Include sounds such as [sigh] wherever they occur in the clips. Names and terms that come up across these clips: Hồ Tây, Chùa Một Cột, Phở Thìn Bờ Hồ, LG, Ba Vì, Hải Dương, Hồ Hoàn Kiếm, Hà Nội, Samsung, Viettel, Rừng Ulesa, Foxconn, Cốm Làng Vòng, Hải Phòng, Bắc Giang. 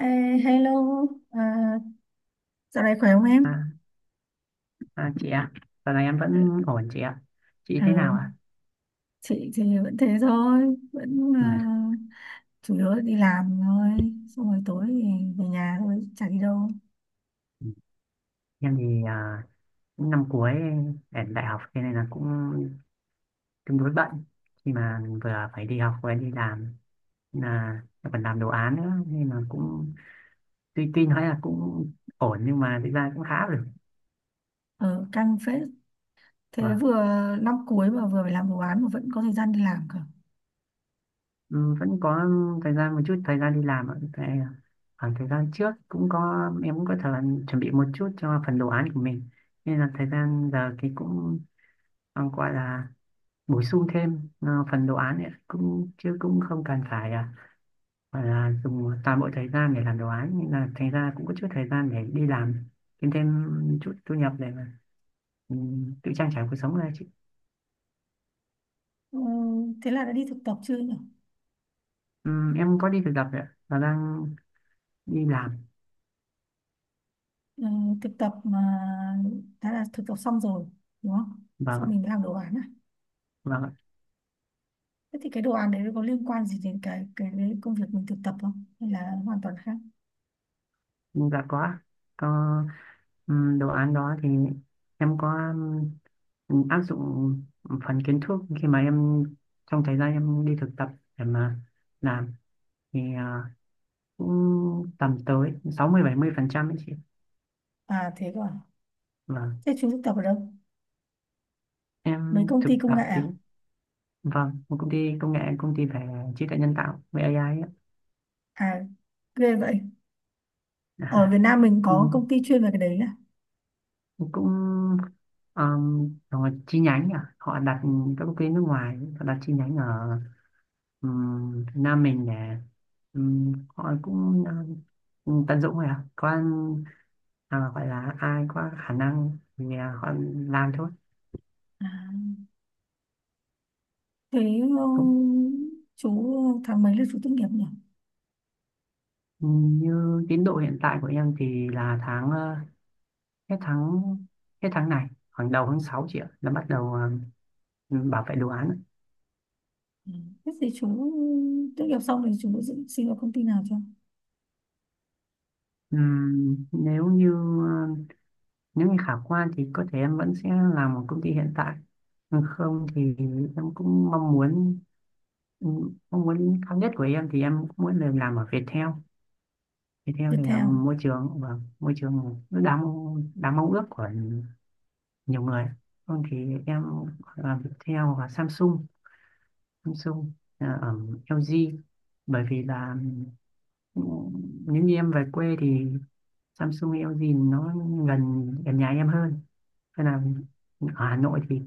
Ê, hello, à, dạo này khỏe không em? À, chị ạ, giờ này em vẫn ổn chị ạ. Chị Ờ, thế nào ạ? chị thì vẫn thế thôi, Ừ. Chủ yếu là đi làm thôi, xong rồi tối thì về nhà thôi, chả đi đâu. Em thì cũng năm cuối để đại học, thế nên là cũng tương đối bận. Khi mà vừa phải đi học vừa đi làm nên là em còn làm đồ án nữa, nên là cũng tuy tuy nói là cũng ổn nhưng mà thực ra cũng khá rồi. Ở căng phết, thế Vâng. vừa năm cuối mà vừa phải làm đồ án mà vẫn có thời gian đi làm cả. Ừ, vẫn có thời gian, một chút thời gian đi làm ạ. Tại khoảng thời gian trước cũng có, em cũng có thời gian chuẩn bị một chút cho phần đồ án của mình, nên là thời gian giờ thì cũng còn gọi là bổ sung thêm phần đồ án ấy, cũng chứ cũng không cần phải gọi là dùng toàn bộ thời gian để làm đồ án, nhưng là thành ra cũng có chút thời gian để đi làm kiếm thêm chút thu nhập để mà ừ, tự trang trải cuộc sống này chị. Ừ, thế là đã đi thực tập chưa nhỉ? Em có đi thực tập rồi ạ, và đang đi làm. Ừ, thực tập mà đã là thực tập xong rồi, đúng không? Vâng Xong ạ. mình mới làm đồ án à? Vâng ạ. Thế thì cái đồ án đấy nó có liên quan gì đến cái công việc mình thực tập không? Hay là hoàn toàn khác? Dạ có ạ. Có, đồ án đó thì em có, áp dụng phần kiến thức khi mà em trong thời gian em đi thực tập để mà làm, thì cũng tầm tới 60-70% ấy chị. À thế cơ à? Vâng, Thế chú thực tập ở đâu? Mấy em công thực ty công tập nghệ thì à? vâng, một công ty công nghệ, công ty về trí tuệ nhân tạo, về AI ấy. À, ghê vậy. Ở Việt [laughs] Nam mình Ừ, có công ty chuyên về cái đấy à? cũng rồi chi nhánh họ đặt, các công ty nước ngoài họ đặt chi nhánh ở, Việt Nam mình để, họ cũng, tận dụng rồi có, gọi là ai có khả năng thì họ làm thôi. À. Thế um, chú tháng mấy là chú tốt nghiệp nhỉ? Ừ, như tiến độ hiện tại của em thì là tháng hết tháng, hết tháng này khoảng đầu tháng 6 chị ạ, là bắt đầu bảo vệ đồ án. Ừ. Thế thì chú tốt nghiệp xong thì chú xin vào công ty nào cho? Nếu như ờ, nếu như khả quan thì có thể em vẫn sẽ làm ở công ty hiện tại. Còn không thì em cũng mong muốn, mong muốn cao nhất của em thì em cũng muốn được làm ở Viettel. Viettel thì là Viettel. môi trường, và môi trường rất đáng, đáng mong ước của nhiều người. Không thì em gọi là Viettel và Samsung Samsung, ở LG. Bởi vì là ừ, nếu như em về quê thì Samsung LG nó gần gần nhà em hơn, nên là ở Hà Nội thì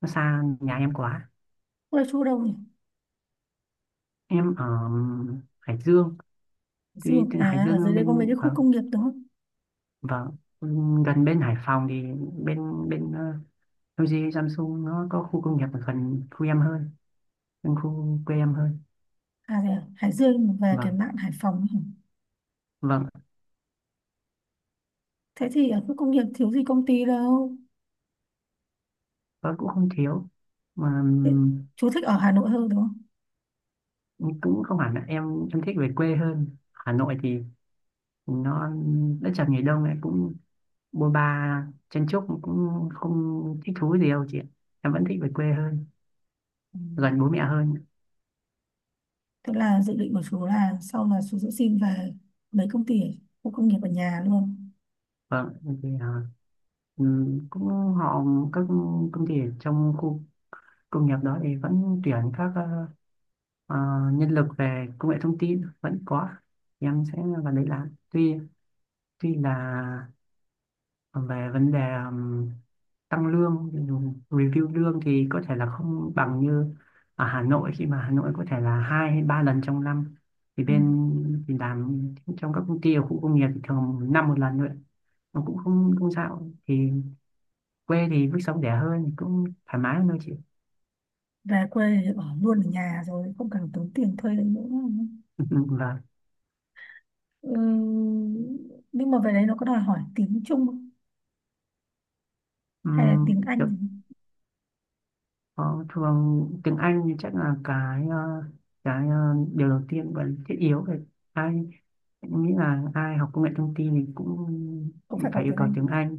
nó xa nhà em quá. Quê chú ở đâu nhỉ? Em ở Hải Dương. Hải tuy Dương. tuy Hải À, ở dưới Dương đây có mấy bên, cái khu vâng, công nghiệp đúng không? vâng, ừ, gần bên Hải Phòng, thì bên bên ờ, LG Samsung nó có khu công nghiệp ở gần khu em hơn, gần khu quê em hơn. À, thế à? Hải Dương về cái Vâng. mạn Hải Phòng ấy hả? Vâng. Thế thì ở khu công nghiệp thiếu gì công ty đâu. Nó cũng không thiếu mà. Thế, chú thích ở Hà Nội hơn đúng không? Cũng không hẳn ạ. Em thích về quê hơn. Hà Nội thì nó đất chật người đông, lại cũng bôn ba chen chúc, cũng không thích thú gì đâu chị ạ. Em vẫn thích về quê hơn, Ừ. gần bố mẹ hơn. Tức là dự định của chú là sau là chú sẽ xin về mấy công ty ở khu công nghiệp ở nhà luôn. Vâng, thì cũng họ, các công ty ở trong khu công nghiệp đó thì vẫn tuyển các ờ, nhân lực về công nghệ thông tin vẫn có. Em sẽ vào đấy làm, tuy tuy là về vấn đề, um, tăng lương review lương, thì có thể là không bằng như ở Hà Nội. Khi mà Hà Nội có thể là hai hay ba lần trong năm, thì Ừ. bên thì làm trong các công ty ở khu công nghiệp thì thường năm một lần thôi. Nó cũng không không sao, thì quê thì mức sống rẻ hơn, cũng thoải mái hơn thôi chị. Về quê thì ở luôn ở nhà rồi không cần tốn tiền thuê đấy nữa. [laughs] Vâng. Ừ. Nhưng mà về đấy nó có đòi hỏi tiếng Trung không? Hay là tiếng Ừm, Anh gì? Ờ, thường tiếng Anh thì chắc là cái ờ, điều đầu tiên và thiết yếu về, ai nghĩ là ai học công nghệ thông tin thì cũng Cũng phải có phải yêu tiếng cầu Anh. tiếng Anh.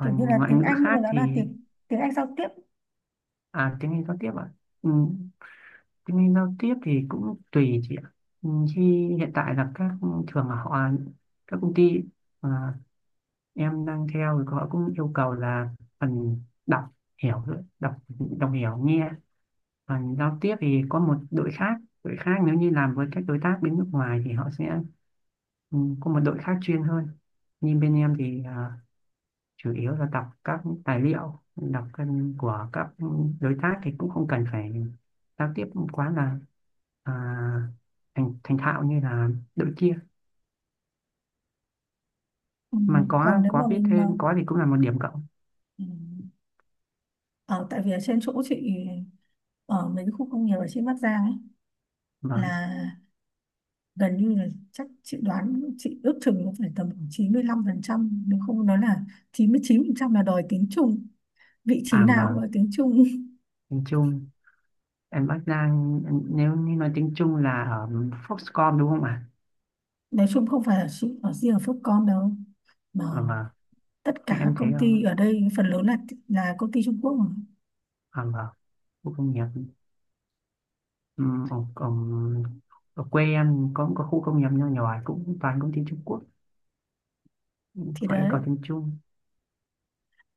Kiểu như là ngoại tiếng ngữ Anh nhưng mà khác nó thì, là tiếng tiếng Anh giao tiếp. à, tiếng Anh giao tiếp ạ. Ừ, tiếng Anh giao tiếp thì cũng tùy chị ạ. Ừ, khi hiện tại là các, thường là họ, các công ty à, em đang theo thì họ cũng yêu cầu là phần đọc hiểu, đọc đọc hiểu nghe. Phần giao tiếp thì có một đội khác, đội khác, nếu như làm với các đối tác bên nước ngoài thì họ sẽ, ừ, có một đội khác chuyên hơn. Nhưng bên em thì chủ yếu là đọc các tài liệu, đọc các- của các đối tác, thì cũng không cần phải giao tiếp quá là à, thành thành thạo như là đội kia, Ừ. mà Còn có nếu có mà biết mình mà thêm có thì cũng là một điểm cộng. ừ. Ở tại vì ở trên chỗ chị ở mấy cái khu công nghiệp ở trên Bắc Giang ấy, Vâng. là gần như là, chắc chị đoán, chị ước chừng nó phải tầm khoảng 95%, nếu không nó là chín chín mươi chín phần trăm là đòi tiếng Trung, vị trí À nào cũng vâng, là tiếng Trung. tiếng Trung. Em đang, nếu như nói tiếng Trung là ở Foxconn đúng không ạ? [laughs] Nói chung không phải là chị ở riêng ở Foxconn đâu, mà À? Mà tất cả em các em thấy công ở, ty ở đây phần lớn là công ty Trung Quốc mà. ở ở khu công nghiệp, ừm, ở, ở, ở quê em có một cái khu công nghiệp nhỏ nhỏ cũng toàn công ty Trung Quốc, Thì họ yêu cầu đấy, tiếng Trung.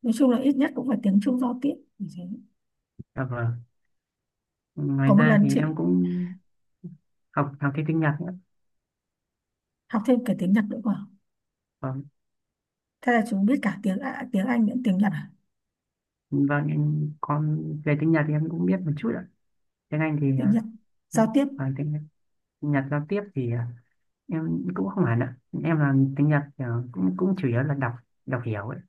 nói chung là ít nhất cũng phải tiếng Trung giao tiếp như thế. À, vâng. Có Ngoài một ra lần thì em chị cũng học học thêm tiếng Nhật nữa. học thêm cả tiếng Nhật nữa mà, Vâng. thế là chúng biết cả tiếng Anh lẫn tiếng Nhật à? Vâng, em còn về tiếng Nhật thì em cũng biết một chút ạ. Tiếng Anh thì Tiếng Nhật giao tiếp, còn tiếng Nhật giao tiếp thì em cũng không hẳn ạ. Em là tiếng Nhật kiểu, cũng cũng chủ yếu là đọc, đọc hiểu ấy.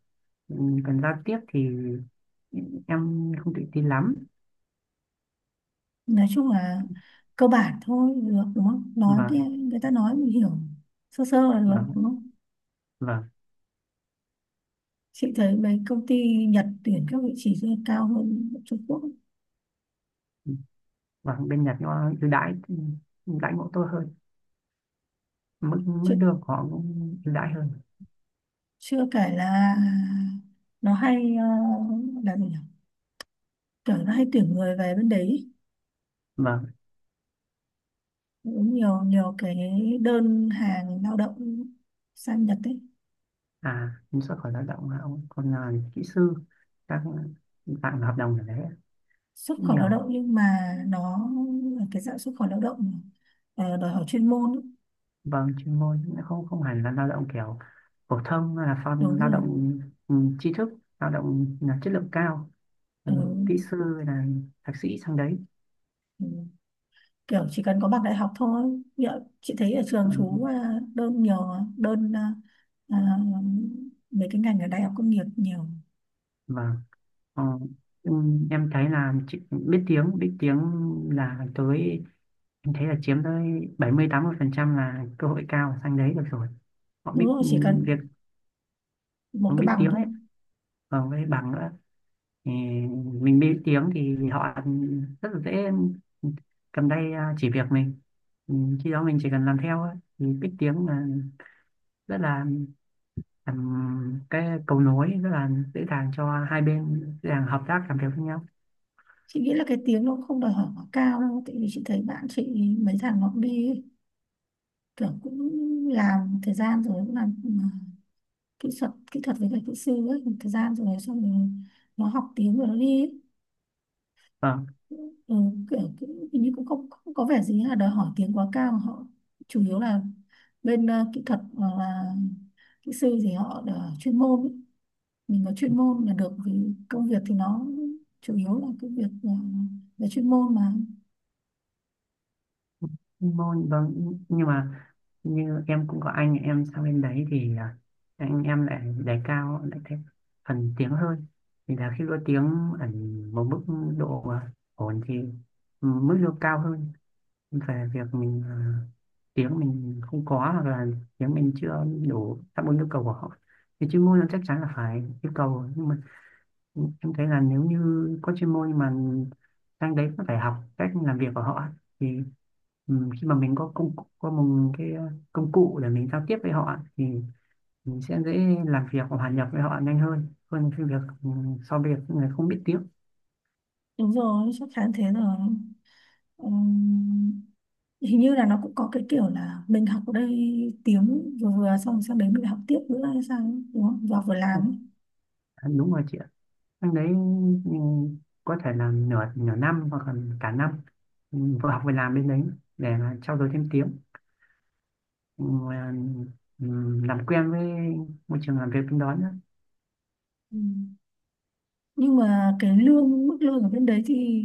Ừ, còn giao tiếp thì em không tự tin lắm. nói chung là cơ bản thôi được đúng không, nói và cái người ta nói mình hiểu sơ sơ là được và đúng không, và chị thấy mấy công ty Nhật tuyển các vị trí rất cao hơn Trung Quốc. và bên Nhật nó ưu đãi, ưu đãi ngộ tôi hơn, mức Chưa, mức lương của họ cũng ưu đãi hơn. chưa kể là nó hay là gì nhỉ, kiểu nó hay tuyển người về bên đấy ý. Và, Cũng nhiều nhiều cái đơn hàng lao động sang Nhật ấy, à, em xuất khẩu lao động là ông, còn là kỹ sư, các bạn hợp đồng ở đấy xuất cũng khẩu lao nhiều. động nhưng mà nó là cái dạng xuất khẩu lao động đòi hỏi chuyên môn ý. Vâng, chuyên môn, nó không không hẳn là lao động kiểu phổ thông, mà là phong Đúng lao rồi. động, ừ, tri thức, lao động là chất lượng cao, ừ, Ừ. kỹ sư hay là thạc sĩ sang đấy. Ừ. Kiểu chỉ cần có bằng đại học thôi. Như ạ, chị thấy ở trường Ừ. chú à, đơn nhiều mà, à, mấy cái ngành ở đại học công nghiệp nhiều. Vâng. ờ, ừ, em thấy là biết tiếng, biết tiếng là tới em thấy là chiếm tới 70-80% là cơ hội cao sang đấy được rồi, họ Đúng biết, rồi, ừ, chỉ cần việc, một họ cái biết bằng tiếng thôi. ấy. Còn với bằng nữa thì, mình biết tiếng thì họ rất là dễ, cầm tay chỉ việc mình, ừ, khi đó mình chỉ cần làm theo ấy, thì biết tiếng là rất là làm cái cầu nối rất là dễ dàng cho hai bên, dễ dàng hợp tác làm việc với nhau. Chị nghĩ là cái tiếng nó cũng không đòi hỏi quá cao đâu, tại vì chị thấy bạn chị mấy thằng nó cũng đi ấy, kiểu cũng làm thời gian rồi cũng làm à, kỹ thuật với cả kỹ sư ấy thời gian rồi, xong rồi nó học tiếng rồi nó đi ấy. Vâng. ừ, Kiểu, hình như cũng không có vẻ gì là đòi hỏi tiếng quá cao, họ chủ yếu là bên kỹ thuật hoặc là kỹ sư thì họ là chuyên môn ý. Mình có chuyên môn là được vì công việc thì nó chủ yếu là cái việc là chuyên môn mà. Vâng. Vâng, nhưng mà như em cũng có anh em sang bên đấy, thì à, anh em lại đề cao, lại thêm phần tiếng hơn. Thì là khi có tiếng ở một mức độ ổn thì, ừ, mức lương cao hơn. Về việc mình tiếng mình không có, hoặc là tiếng mình chưa đủ đáp ứng yêu cầu của họ, thì chuyên môn là chắc chắn là phải yêu cầu. Nhưng mà em thấy là nếu như có chuyên môn nhưng mà sang đấy cũng phải học cách làm việc của họ, thì khi mà mình có có một cái công cụ để mình giao tiếp với họ, thì mình sẽ dễ làm việc và hòa nhập với họ nhanh hơn, hơn cái việc, so với việc người không biết tiếng. Đúng rồi, chắc chắn thế rồi. Ừm, Hình như là nó cũng có cái kiểu là mình học ở đây tiếng vừa vừa xong sang đấy mình học tiếp nữa hay sao ấy, đúng không, và vừa làm ấy. Ừ, đúng rồi chị ạ. Năm đấy, ừ, có thể là nửa nửa năm hoặc là cả năm, ừ, vừa học vừa làm bên đấy để mà trau dồi thêm tiếng, ừ, ừ, làm quen với môi trường làm việc bên đó nữa. Ừ. Nhưng mà cái lương mức lương ở bên đấy thì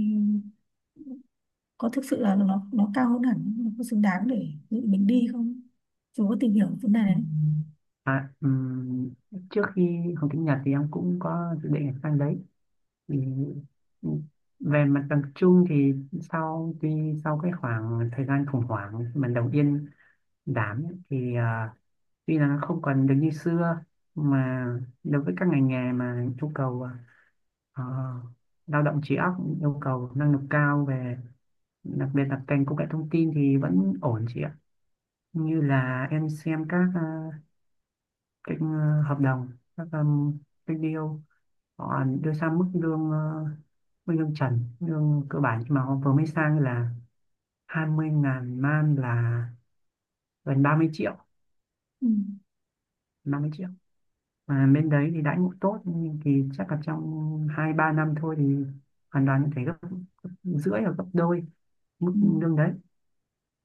có thực sự là nó cao hơn hẳn, nó có xứng đáng để dự mình đi không, chú có tìm hiểu vấn đề Ừ. đấy? à, ừ, Trước khi học tiếng Nhật thì em cũng có dự định sang đấy, thì, ừ, về mặt bằng chung thì sau tuy sau cái khoảng thời gian khủng hoảng mà đầu tiên đảm ấy, thì tuy là nó không còn được như xưa, mà đối với các ngành nghề mà yêu cầu ờ, lao động trí óc, yêu cầu năng lực cao về, đặc biệt là ngành công nghệ thông tin thì vẫn ổn chị ạ. Như là em xem các ờ, cái ờ, hợp đồng, các cái deal họ đưa ra, mức lương mức lương trần, lương cơ bản mà họ vừa mới sang là 20,000 man, là gần 30 triệu, Ừ. 30 triệu. Mà bên đấy thì đãi ngộ tốt, nhưng thì chắc là trong hai ba năm thôi thì hoàn toàn có thể gấp, gấp rưỡi hoặc gấp đôi mức Ừ. lương đấy.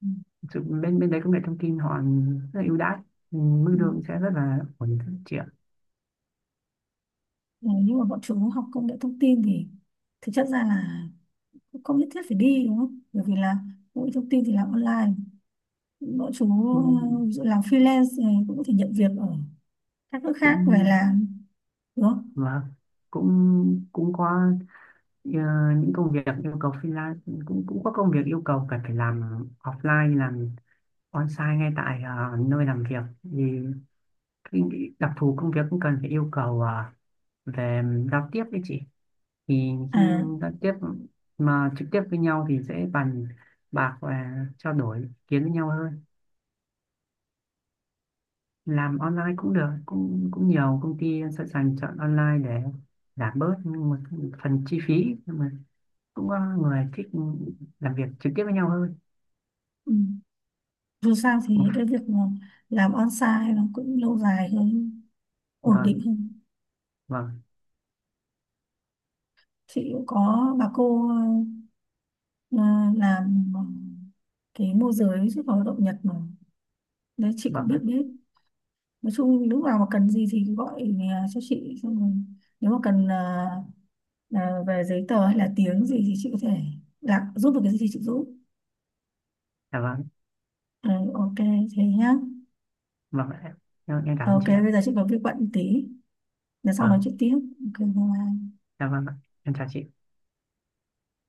Ừ. Ừ. Bên bên đấy công nghệ thông tin họ rất là ưu đãi. Ừ, mức Ừ. lương sẽ rất là ổn định, phát triển. Ờ, nhưng mà bọn chú học công nghệ thông tin thì thực chất ra là cũng không nhất thiết phải đi đúng không, bởi vì là công nghệ thông tin thì làm online, bọn chú Ừ, ví dụ làm freelance này cũng có thể nhận việc ở các nước khác về cũng, làm đúng không và cũng, cũng có ờ, những công việc yêu cầu freelance, cũng cũng có công việc yêu cầu cần phải làm offline, làm on-site ngay tại nơi làm việc, vì cái đặc thù công việc cũng cần phải yêu cầu về giao tiếp với chị. Thì à. giao tiếp mà trực tiếp với nhau thì dễ bàn bạc và trao đổi ý kiến với nhau hơn. Làm online cũng được, cũng cũng nhiều công ty sẵn sàng chọn online để giảm bớt một phần chi phí, nhưng mà cũng có người thích làm việc trực tiếp với nhau hơn. Ừ. Dù sao thì cái việc mà làm on-site nó cũng lâu dài hơn, ổn định Vâng. không. Vâng. Chị cũng có bà cô ờ, làm cái môi giới xuất khẩu lao động Nhật mà, đấy chị cũng Vâng biết ạ. biết. Nói chung lúc nào mà cần gì thì gọi cho chị, xong rồi nếu mà cần về giấy tờ hay là tiếng gì thì chị có thể là giúp được cái gì thì chị giúp. Dạ vâng. Ờ, ok thế nhá. Vâng ạ. Em cảm ơn Ok chị ạ. bây giờ chị có việc bận tí, để sau nói Vâng. chuyện tiếp. Ok bye bye. Dạ vâng ạ. Em chào chị.